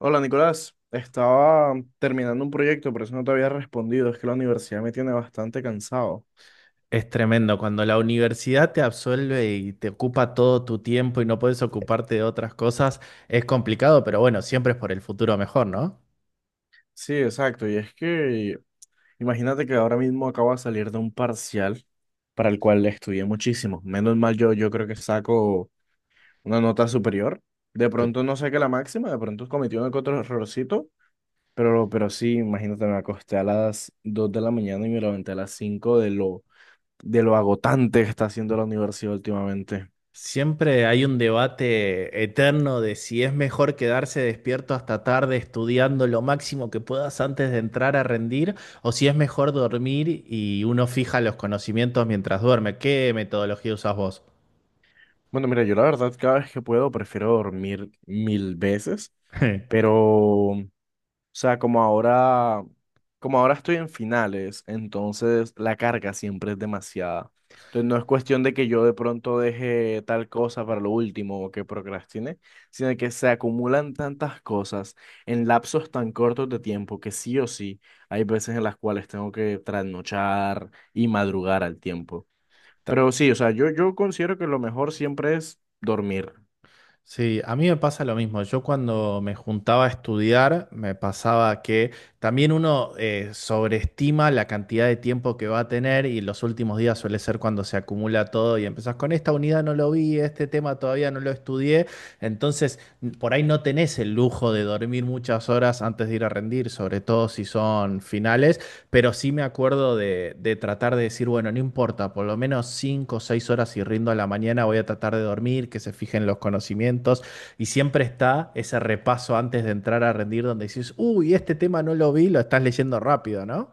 Hola Nicolás, estaba terminando un proyecto, por eso no te había respondido. Es que la universidad me tiene bastante cansado. Es tremendo cuando la universidad te absuelve y te ocupa todo tu tiempo y no puedes ocuparte de otras cosas, es complicado, pero bueno, siempre es por el futuro mejor, ¿no? Sí, exacto. Y es que imagínate que ahora mismo acabo de salir de un parcial para el cual estudié muchísimo. Menos mal yo creo que saco una nota superior. De Sí. pronto no saqué la máxima, de pronto cometí uno que otro errorcito, pero sí, imagínate, me acosté a las 2 de la mañana y me levanté a las 5 de lo agotante que está haciendo la universidad últimamente. Siempre hay un debate eterno de si es mejor quedarse despierto hasta tarde estudiando lo máximo que puedas antes de entrar a rendir o si es mejor dormir y uno fija los conocimientos mientras duerme. ¿Qué metodología usas vos? Bueno, mira, yo la verdad cada vez que puedo prefiero dormir mil veces, pero, o sea, como ahora estoy en finales, entonces la carga siempre es demasiada. Entonces no es cuestión de que yo de pronto deje tal cosa para lo último o que procrastine, sino que se acumulan tantas cosas en lapsos tan cortos de tiempo que sí o sí hay veces en las cuales tengo que trasnochar y madrugar al tiempo. Ta- Pero sí, o sea, yo considero que lo mejor siempre es dormir. Sí, a mí me pasa lo mismo. Yo cuando me juntaba a estudiar, me pasaba que también uno sobreestima la cantidad de tiempo que va a tener y los últimos días suele ser cuando se acumula todo y empezás con esta unidad no lo vi, este tema todavía no lo estudié entonces, por ahí no tenés el lujo de dormir muchas horas antes de ir a rendir, sobre todo si son finales, pero sí me acuerdo de tratar de decir, bueno, no importa, por lo menos 5 o 6 horas si rindo a la mañana, voy a tratar de dormir, que se fijen los conocimientos, y siempre está ese repaso antes de entrar a rendir donde dices, uy, este tema no lo vi, lo estás leyendo rápido, ¿no?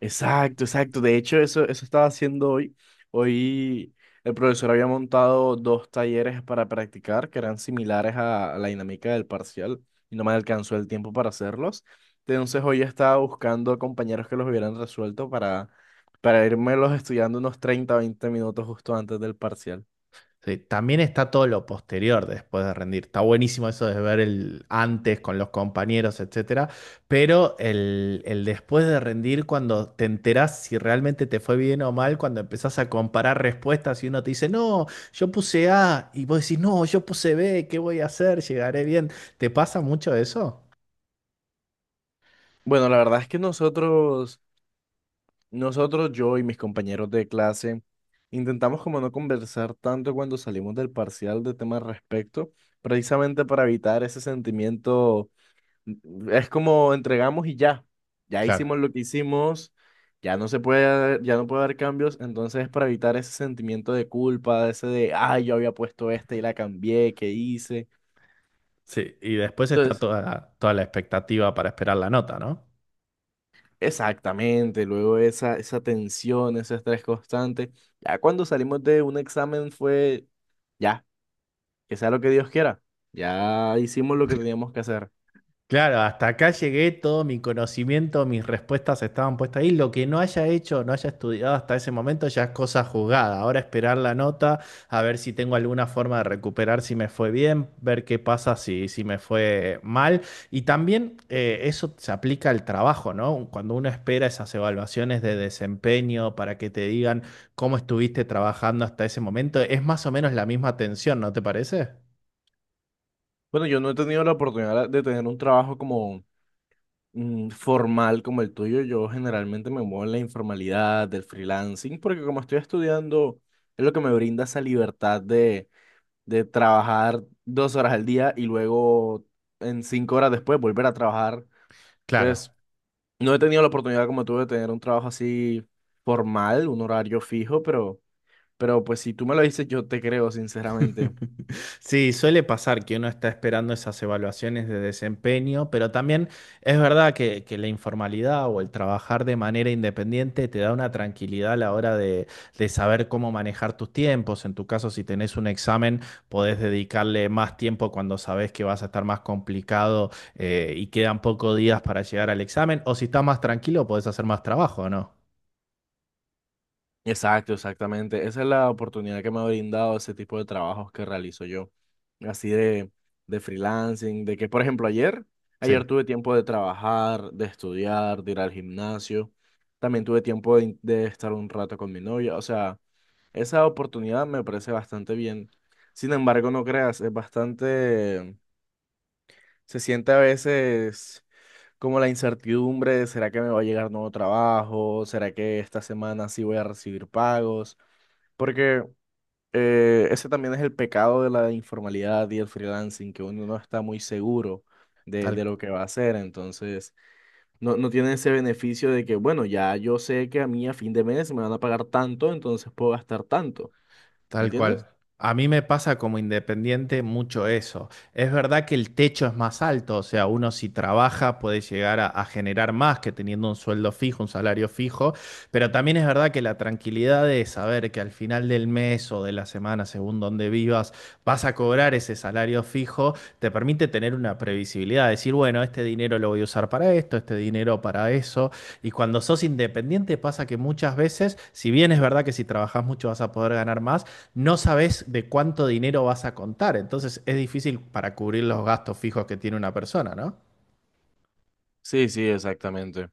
Exacto, exacto. De hecho, eso estaba haciendo hoy. Hoy el profesor había montado dos talleres para practicar que eran similares a la dinámica del parcial y no me alcanzó el tiempo para hacerlos. Entonces hoy estaba buscando compañeros que los hubieran resuelto para los estudiando unos 30 20 minutos justo antes del parcial. Sí, también está todo lo posterior de después de rendir. Está buenísimo eso de ver el antes con los compañeros, etcétera, pero el después de rendir, cuando te enterás si realmente te fue bien o mal, cuando empezás a comparar respuestas y uno te dice, no, yo puse A, y vos decís, no, yo puse B, ¿qué voy a hacer? ¿Llegaré bien? ¿Te pasa mucho eso? Bueno, la verdad es que Nosotros, yo y mis compañeros de clase, intentamos como no conversar tanto cuando salimos del parcial de temas al respecto, precisamente para evitar ese sentimiento. Es como entregamos y ya, Claro, hicimos lo que hicimos, ya no se puede, ya no puede haber cambios, entonces para evitar ese sentimiento de culpa, ese de, ay, yo había puesto este y la cambié, ¿qué hice? sí, y después está Entonces, toda la expectativa para esperar la nota, ¿no? exactamente, luego esa tensión, ese estrés constante. Ya cuando salimos de un examen fue, ya, que sea lo que Dios quiera, ya hicimos lo que teníamos que hacer. Claro, hasta acá llegué, todo mi conocimiento, mis respuestas estaban puestas ahí. Lo que no haya hecho, no haya estudiado hasta ese momento ya es cosa jugada. Ahora esperar la nota, a ver si tengo alguna forma de recuperar si me fue bien, ver qué pasa si, si me fue mal. Y también eso se aplica al trabajo, ¿no? Cuando uno espera esas evaluaciones de desempeño para que te digan cómo estuviste trabajando hasta ese momento, es más o menos la misma tensión, ¿no te parece? Bueno, yo no he tenido la oportunidad de tener un trabajo como formal como el tuyo, yo generalmente me muevo en la informalidad, del freelancing, porque como estoy estudiando, es lo que me brinda esa libertad de, trabajar 2 horas al día y luego en 5 horas después volver a trabajar. Claro. Entonces, no he tenido la oportunidad como tú de tener un trabajo así formal, un horario fijo, pero, pues si tú me lo dices, yo te creo, sinceramente. Sí, suele pasar que uno está esperando esas evaluaciones de desempeño, pero también es verdad que la informalidad o el trabajar de manera independiente te da una tranquilidad a la hora de saber cómo manejar tus tiempos. En tu caso, si tenés un examen, podés dedicarle más tiempo cuando sabés que vas a estar más complicado y quedan pocos días para llegar al examen. O si estás más tranquilo, podés hacer más trabajo, ¿no? Exacto, exactamente. Esa es la oportunidad que me ha brindado ese tipo de trabajos que realizo yo, así de, freelancing, de que, por ejemplo, ayer Sí, tuve tiempo de trabajar, de estudiar, de ir al gimnasio, también tuve tiempo de estar un rato con mi novia, o sea, esa oportunidad me parece bastante bien. Sin embargo, no creas, es bastante. Se siente a veces como la incertidumbre de ¿será que me va a llegar nuevo trabajo? ¿Será que esta semana sí voy a recibir pagos? Porque ese también es el pecado de la informalidad y el freelancing, que uno no está muy seguro de, tal de lo que va a hacer. Entonces, no tiene ese beneficio de que, bueno, ya yo sé que a mí a fin de mes me van a pagar tanto, entonces puedo gastar tanto. ¿Me Tal entiendes? cual. A mí me pasa como independiente mucho eso. Es verdad que el techo es más alto, o sea, uno si trabaja puede llegar a generar más que teniendo un sueldo fijo, un salario fijo, pero también es verdad que la tranquilidad de saber que al final del mes o de la semana, según donde vivas, vas a cobrar ese salario fijo, te permite tener una previsibilidad, decir, bueno, este dinero lo voy a usar para esto, este dinero para eso. Y cuando sos independiente pasa que muchas veces, si bien es verdad que si trabajás mucho vas a poder ganar más, no sabes de cuánto dinero vas a contar. Entonces es difícil para cubrir los gastos fijos que tiene una persona, ¿no? Sí, sí, exactamente.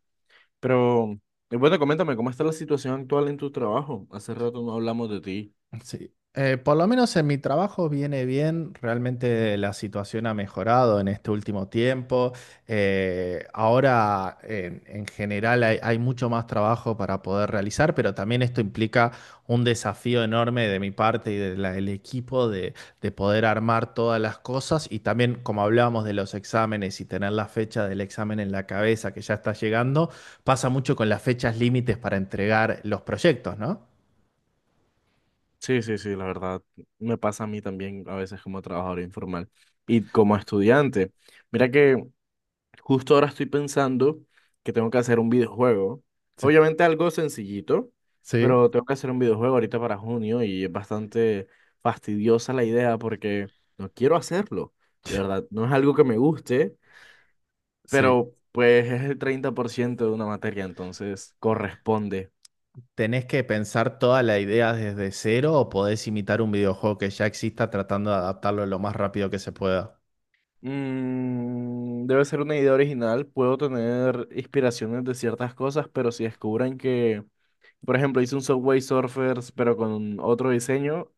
Pero, y bueno, coméntame, ¿cómo está la situación actual en tu trabajo? Hace rato no hablamos de ti. Sí, por lo menos en mi trabajo viene bien, realmente la situación ha mejorado en este último tiempo. Ahora en general hay, hay mucho más trabajo para poder realizar, pero también esto implica un desafío enorme de mi parte y de la- del equipo de poder armar todas las cosas y también como hablábamos de los exámenes y tener la fecha del examen en la cabeza que ya está llegando, pasa mucho con las fechas límites para entregar los proyectos, ¿no? Sí, sí, sí, la verdad, me pasa a mí también a veces como trabajador informal y como estudiante. Mira que justo ahora estoy pensando que tengo que hacer un videojuego. Sí, Obviamente algo sencillito, sí. pero tengo que hacer un videojuego ahorita para junio y es bastante fastidiosa la idea porque no quiero hacerlo. De verdad, no es algo que me guste, Sí. pero pues es el 30% de una materia, entonces O- corresponde. ¿Tenés que pensar toda la idea desde cero o podés imitar un videojuego que ya exista tratando de adaptarlo lo más rápido que se pueda? Debe ser una idea original, puedo tener inspiraciones de ciertas cosas, pero si descubren que, por ejemplo, hice un Subway Surfers, pero con otro diseño,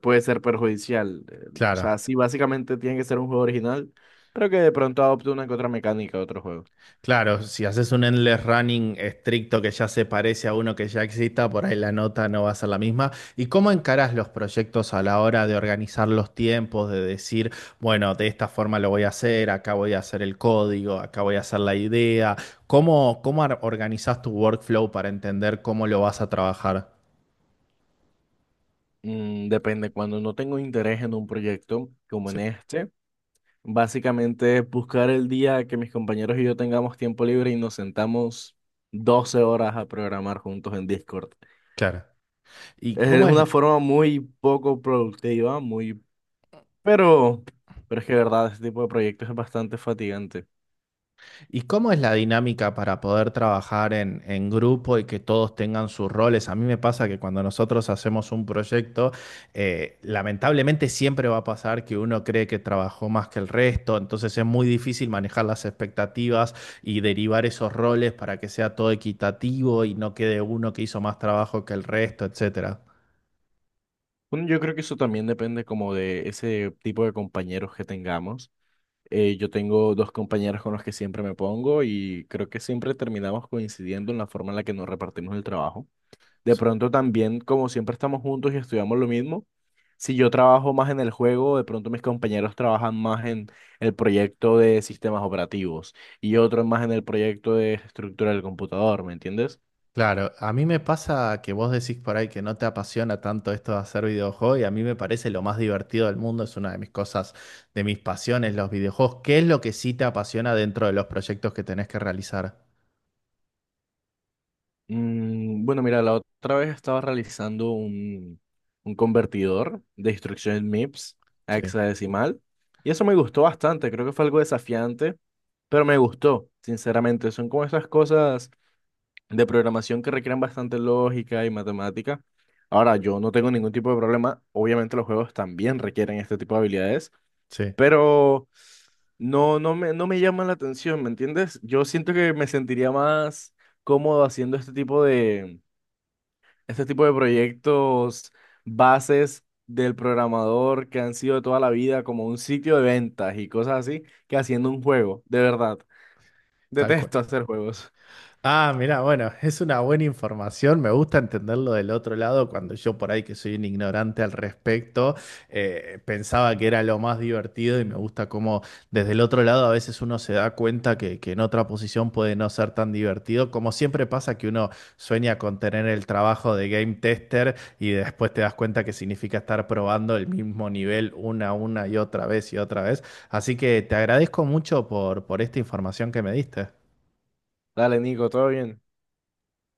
puede ser perjudicial. O sea, Claro, sí, básicamente tiene que ser un juego original, pero que de pronto adopte una que otra mecánica de otro juego. claro, si haces un endless running estricto que ya se parece a uno que ya exista, por ahí la nota no va a ser la misma. ¿Y cómo encarás los proyectos a la hora de organizar los tiempos, de decir, bueno, de esta forma lo voy a hacer, acá voy a hacer el código, acá voy a hacer la idea? ¿Cómo, cómo ar- organizás tu workflow para entender cómo lo vas a trabajar? Depende, cuando no tengo interés en un proyecto como en Sí. este. Básicamente es buscar el día que mis compañeros y yo tengamos tiempo libre y nos sentamos 12 horas a programar juntos en Discord. Claro. ¿Y Es cómo una es, forma muy poco productiva, muy... Pero, pero es que de verdad, ese tipo de proyectos es bastante fatigante. y cómo es la dinámica para poder trabajar en grupo y que todos tengan sus roles? A mí me pasa que cuando nosotros hacemos un proyecto, lamentablemente siempre va a pasar que uno cree que trabajó más que el resto, entonces es muy difícil manejar las expectativas y derivar esos roles para que sea todo equitativo y no quede uno que hizo más trabajo que el resto, etcétera. Bueno, yo creo que eso también depende como de ese tipo de compañeros que tengamos. Yo tengo dos compañeros con los que siempre me pongo y creo que siempre terminamos coincidiendo en la forma en la que nos repartimos el trabajo. De Sí. pronto también, como siempre estamos juntos y estudiamos lo mismo, si yo trabajo más en el juego, de pronto mis compañeros trabajan más en el proyecto de sistemas operativos y otros más en el proyecto de estructura del computador, ¿me entiendes? Claro, a mí me pasa que vos decís por ahí que no te apasiona tanto esto de hacer videojuegos y a mí me parece lo más divertido del mundo, es una de mis cosas, de mis pasiones, los videojuegos. ¿Qué es lo que sí te apasiona dentro de los proyectos que tenés que realizar? Bueno, mira, la otra vez estaba realizando un convertidor de instrucciones MIPS a Sí, hexadecimal y eso me gustó bastante, creo que fue algo desafiante, pero me gustó, sinceramente, son como esas cosas de programación que requieren bastante lógica y matemática. Ahora, yo no tengo ningún tipo de problema. Obviamente los juegos también requieren este tipo de habilidades, sí, pero no me llama la atención, ¿me entiendes? Yo siento que me sentiría más cómodo haciendo este tipo de proyectos bases del programador que han sido de toda la vida, como un sitio de ventas y cosas así, que haciendo un juego, de verdad. tal cual. Detesto hacer juegos. Ah, mira, bueno, es una buena información. Me gusta entenderlo del otro lado cuando yo por ahí que soy un ignorante al respecto, pensaba que era lo más divertido y me gusta cómo desde el otro lado a veces uno se da cuenta que en otra posición puede no ser tan divertido. Como siempre pasa que uno sueña con tener el trabajo de game tester y después te das cuenta que significa estar probando el mismo nivel una y otra vez y otra vez. Así que te agradezco mucho por esta información que me diste. Dale, Nico, todo bien.